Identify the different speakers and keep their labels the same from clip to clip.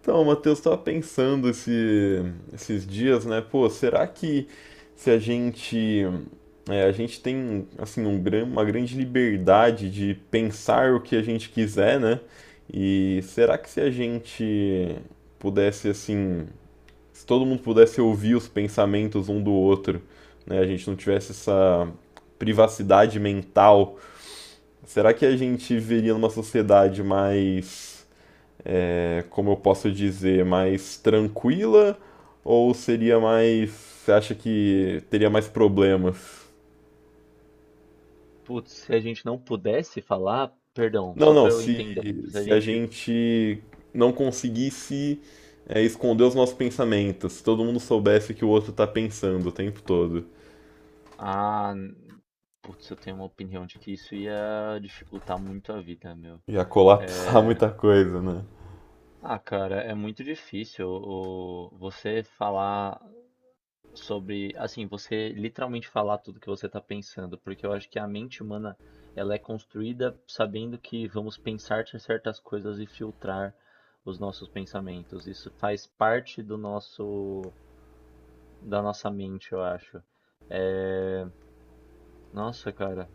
Speaker 1: Então, Matheus, esses dias, né? Pô, será que se a gente a gente tem assim um uma grande liberdade de pensar o que a gente quiser, né? E será que se a gente pudesse assim, se todo mundo pudesse ouvir os pensamentos um do outro, né? A gente não tivesse essa privacidade mental, será que a gente viveria numa sociedade mais como eu posso dizer, mais tranquila ou seria mais, você acha que teria mais problemas?
Speaker 2: Putz, se a gente não pudesse falar, perdão,
Speaker 1: Não,
Speaker 2: só
Speaker 1: não,
Speaker 2: pra eu entender. Se a
Speaker 1: se a
Speaker 2: gente.
Speaker 1: gente não conseguisse esconder os nossos pensamentos, se todo mundo soubesse o que o outro tá pensando o tempo todo,
Speaker 2: Ah, n- Putz, eu tenho uma opinião de que isso ia dificultar muito a vida, meu.
Speaker 1: ia colapsar
Speaker 2: É...
Speaker 1: muita coisa, né?
Speaker 2: Ah, cara, é muito difícil você falar sobre. Assim, você literalmente falar tudo que você tá pensando, porque eu acho que a mente humana ela é construída sabendo que vamos pensar certas coisas e filtrar os nossos pensamentos. Isso faz parte do nosso da nossa mente, eu acho. É, nossa, cara,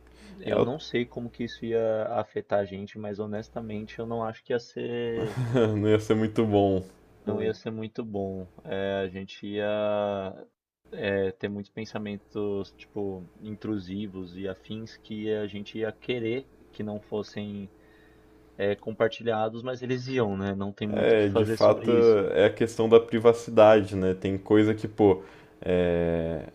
Speaker 1: É,
Speaker 2: eu
Speaker 1: eu-
Speaker 2: não sei como que isso ia afetar a gente, mas honestamente eu não acho que
Speaker 1: não ia ser muito bom.
Speaker 2: não ia ser muito bom. É, a gente ia ter muitos pensamentos, tipo, intrusivos e afins que a gente ia querer que não fossem compartilhados, mas eles iam, né? Não tem muito o que
Speaker 1: É, de
Speaker 2: fazer. É
Speaker 1: fato,
Speaker 2: sobre isso.
Speaker 1: é a questão da privacidade, né? Tem coisa que, pô, é,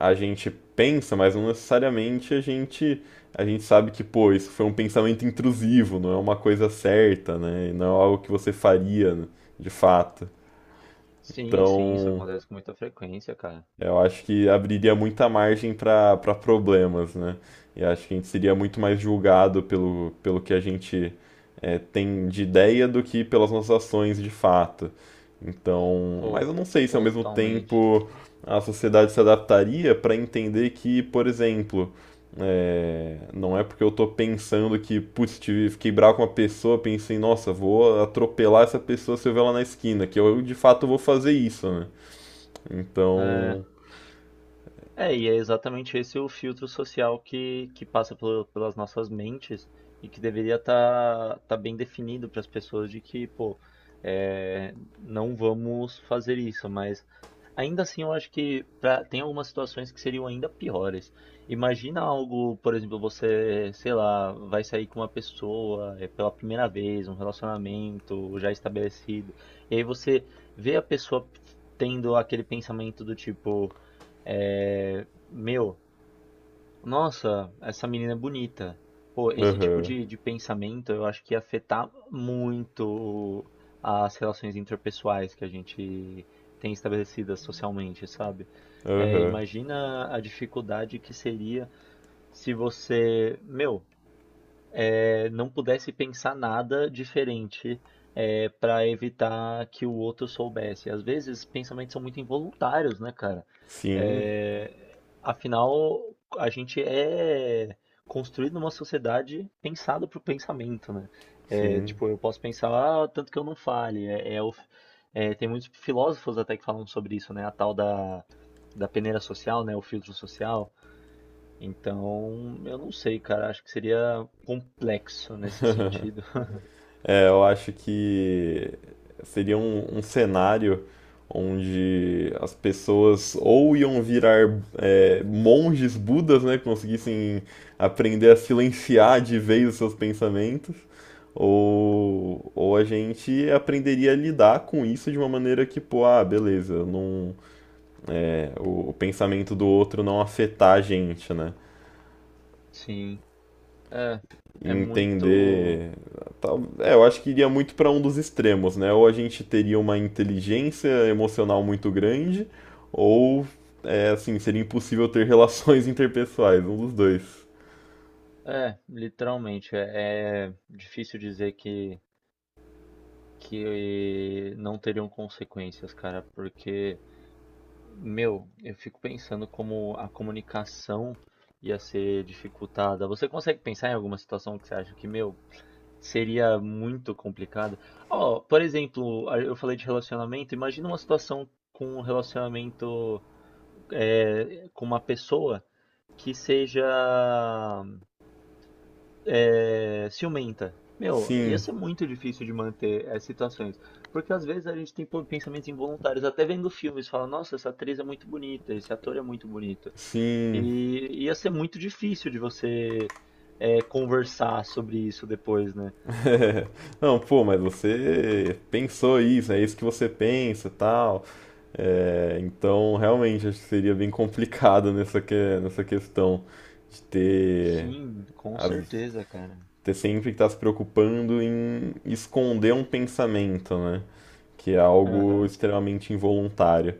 Speaker 1: a gente pensa, mas não necessariamente a gente sabe que, pô, isso foi um pensamento intrusivo, não é uma coisa certa, né? Não é algo que você faria, né, de fato.
Speaker 2: Sim, sim, isso
Speaker 1: Então,
Speaker 2: acontece com muita frequência, cara.
Speaker 1: eu acho que abriria muita margem para problemas, né? E acho que a gente seria muito mais julgado pelo que a gente tem de ideia do que pelas nossas ações de fato. Então,
Speaker 2: Pô,
Speaker 1: mas eu não sei se ao mesmo
Speaker 2: totalmente.
Speaker 1: tempo a sociedade se adaptaria para entender que, por exemplo, não é porque eu tô pensando que, putz, tive, fiquei bravo com uma pessoa, pensei, nossa, vou atropelar essa pessoa se eu ver ela na esquina, que eu de fato vou fazer isso, né?
Speaker 2: É,
Speaker 1: Então,
Speaker 2: é, e é exatamente esse o filtro social que passa pelas nossas mentes e que deveria estar tá bem definido para as pessoas de que, pô, é, não vamos fazer isso, mas ainda assim eu acho que tem algumas situações que seriam ainda piores. Imagina algo, por exemplo, você, sei lá, vai sair com uma pessoa, pela primeira vez, um relacionamento já estabelecido, e aí você vê a pessoa tendo aquele pensamento do tipo. É, meu, nossa, essa menina é bonita. Pô, esse tipo
Speaker 1: aham,
Speaker 2: de pensamento eu acho que ia afetar muito as relações interpessoais que a gente tem estabelecidas socialmente, sabe? É,
Speaker 1: aham.
Speaker 2: imagina a dificuldade que seria se você, meu, não pudesse pensar nada diferente, para evitar que o outro soubesse. Às vezes, pensamentos são muito involuntários, né, cara?
Speaker 1: Sim,
Speaker 2: Afinal, a gente é construído numa sociedade pensada pro pensamento, né?
Speaker 1: sim.
Speaker 2: Tipo, eu posso pensar, ah, tanto que eu não fale. É, tem muitos filósofos até que falam sobre isso, né? Da peneira social, né? O filtro social. Então, eu não sei, cara. Acho que seria complexo nesse sentido.
Speaker 1: É, eu acho que seria um, um cenário onde as pessoas ou iam virar monges budas, né, que conseguissem aprender a silenciar de vez os seus pensamentos, ou a gente aprenderia a lidar com isso de uma maneira que, pô, ah, beleza, não, o pensamento do outro não afetar a gente, né?
Speaker 2: Sim. É, é muito.
Speaker 1: Entender. É, eu acho que iria muito para um dos extremos, né? Ou a gente teria uma inteligência emocional muito grande, ou é assim, seria impossível ter relações interpessoais, um dos dois.
Speaker 2: É, literalmente. É, é difícil dizer que não teriam consequências, cara, porque, meu, eu fico pensando como a comunicação ia ser dificultada. Você consegue pensar em alguma situação que você acha que, meu, seria muito complicado. Ó, por exemplo, eu falei de relacionamento. Imagina uma situação com um relacionamento com uma pessoa que seja ciumenta. Meu, ia
Speaker 1: Sim,
Speaker 2: ser muito difícil de manter essas situações. Porque às vezes a gente tem pensamentos involuntários, até vendo filmes, fala, nossa, essa atriz é muito bonita, esse ator é muito bonito.
Speaker 1: sim.
Speaker 2: E ia ser muito difícil de você conversar sobre isso depois, né?
Speaker 1: Não, pô, mas você pensou isso, é isso que você pensa, e tal. É, então, realmente, acho que seria bem complicado nessa questão de ter
Speaker 2: Sim, com
Speaker 1: as
Speaker 2: certeza, cara.
Speaker 1: ter sempre está se preocupando em esconder um pensamento, né? Que é algo
Speaker 2: Aham,
Speaker 1: extremamente involuntário.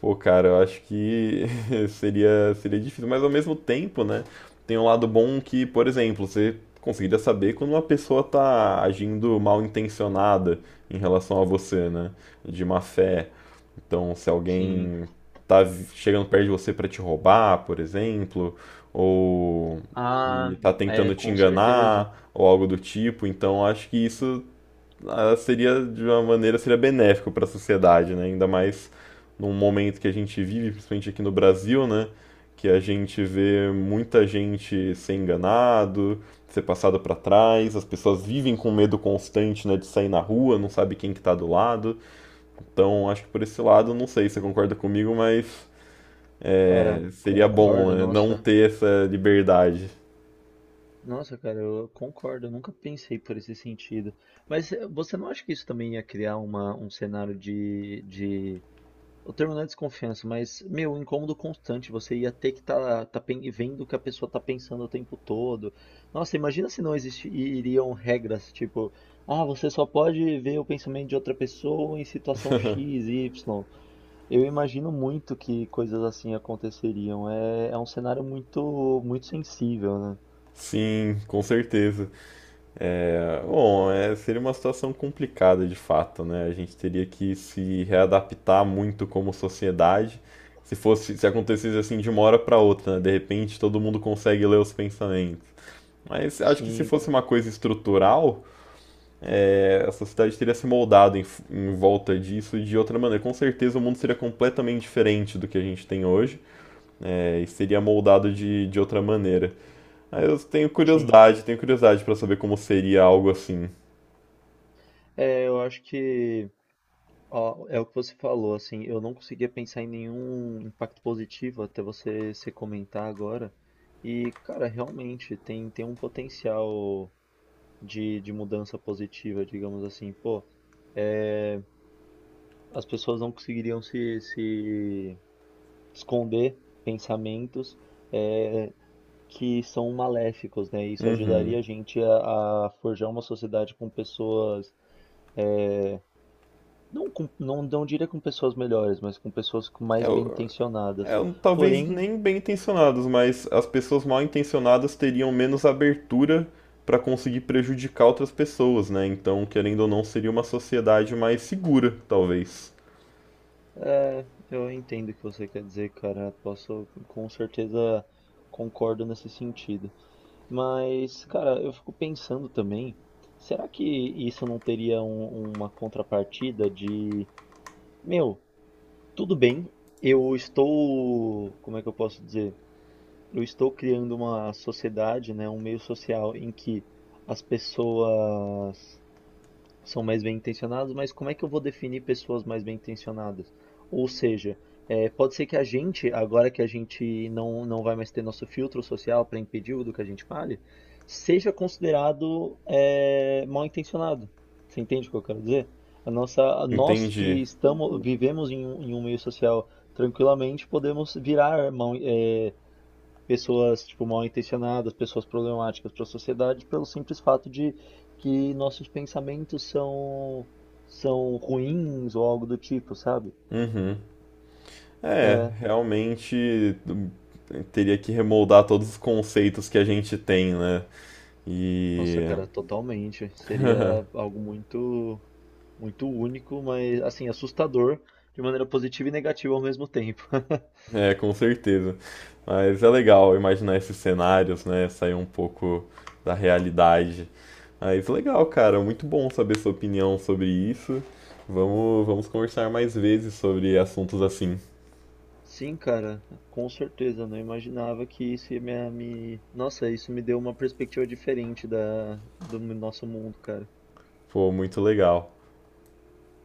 Speaker 1: Pô, cara, eu acho que seria, seria difícil, mas ao mesmo tempo, né? Tem um lado bom que, por exemplo, você conseguiria saber quando uma pessoa tá agindo mal intencionada em relação a você, né? De má fé. Então, se
Speaker 2: sim.
Speaker 1: alguém chegando perto de você para te roubar, por exemplo, ou
Speaker 2: Ah,
Speaker 1: e tá
Speaker 2: é,
Speaker 1: tentando te
Speaker 2: com certeza.
Speaker 1: enganar, ou algo do tipo, então acho que isso ah, seria de uma maneira seria benéfico para a sociedade, né? Ainda mais num momento que a gente vive, principalmente aqui no Brasil, né? Que a gente vê muita gente ser enganado, ser passado para trás, as pessoas vivem com medo constante, né, de sair na rua, não sabe quem que tá do lado. Então, acho que por esse lado, não sei se você concorda comigo, mas
Speaker 2: Cara,
Speaker 1: seria bom,
Speaker 2: concordo,
Speaker 1: né, não
Speaker 2: nossa.
Speaker 1: ter essa liberdade.
Speaker 2: Nossa, cara, eu concordo, eu nunca pensei por esse sentido. Mas você não acha que isso também ia criar um cenário de... O termo não é desconfiança, mas, meu, um incômodo constante. Você ia ter que estar vendo o que a pessoa tá pensando o tempo todo. Nossa, imagina se não existiriam regras, tipo, ah, você só pode ver o pensamento de outra pessoa em situação X, Y. Eu imagino muito que coisas assim aconteceriam. É, é um cenário muito, muito sensível, né?
Speaker 1: Sim, com certeza. É, bom, é, seria uma situação complicada de fato, né? A gente teria que se readaptar muito como sociedade. Se fosse, se acontecesse assim de uma hora para outra, né? De repente todo mundo consegue ler os pensamentos. Mas acho que se
Speaker 2: Sim,
Speaker 1: fosse uma coisa estrutural, a sociedade teria se moldado em, em volta disso de outra maneira. Com certeza o mundo seria completamente diferente do que a gente tem hoje e seria moldado de outra maneira. Aí eu
Speaker 2: sim.
Speaker 1: tenho curiosidade para saber como seria algo assim.
Speaker 2: É, eu acho que... Ó, é o que você falou, assim, eu não conseguia pensar em nenhum impacto positivo até você se comentar agora. E, cara, realmente tem um potencial de mudança positiva, digamos assim. Pô, é, as pessoas não conseguiriam se esconder pensamentos, é, que são maléficos, né? Isso
Speaker 1: Uhum.
Speaker 2: ajudaria a gente a forjar uma sociedade com pessoas, é, não, com, não, não diria com pessoas melhores, mas com pessoas com mais bem
Speaker 1: Eu,
Speaker 2: intencionadas.
Speaker 1: eu, talvez
Speaker 2: Porém,
Speaker 1: nem bem intencionados, mas as pessoas mal intencionadas teriam menos abertura para conseguir prejudicar outras pessoas, né? Então, querendo ou não, seria uma sociedade mais segura, talvez.
Speaker 2: eu entendo o que você quer dizer, cara. Posso, com certeza, concordo nesse sentido. Mas, cara, eu fico pensando também, será que isso não teria uma contrapartida de, meu, tudo bem, eu estou, como é que eu posso dizer? Eu estou criando uma sociedade, né, um meio social em que as pessoas são mais bem intencionados, mas como é que eu vou definir pessoas mais bem intencionadas? Ou seja, pode ser que a gente, agora que a gente não vai mais ter nosso filtro social para impedir o do que a gente fale, seja considerado mal intencionado. Você entende o que eu quero dizer? A nossa, nós
Speaker 1: Entendi.
Speaker 2: que estamos, vivemos em em um meio social tranquilamente, podemos virar mal, pessoas tipo mal intencionadas, pessoas problemáticas para a sociedade, pelo simples fato de que nossos pensamentos são ruins ou algo do tipo, sabe?
Speaker 1: Uhum. É,
Speaker 2: É.
Speaker 1: realmente teria que remoldar todos os conceitos que a gente tem, né?
Speaker 2: Nossa,
Speaker 1: E
Speaker 2: cara, totalmente. Seria algo muito muito único, mas assim, assustador de maneira positiva e negativa ao mesmo tempo.
Speaker 1: é, com certeza. Mas é legal imaginar esses cenários, né? Sair um pouco da realidade. Mas legal, cara, muito bom saber sua opinião sobre isso. Vamos, vamos conversar mais vezes sobre assuntos assim.
Speaker 2: Sim, cara, com certeza. Eu não imaginava que isso ia me- Nossa, isso me deu uma perspectiva diferente da, do nosso mundo, cara.
Speaker 1: Pô, muito legal.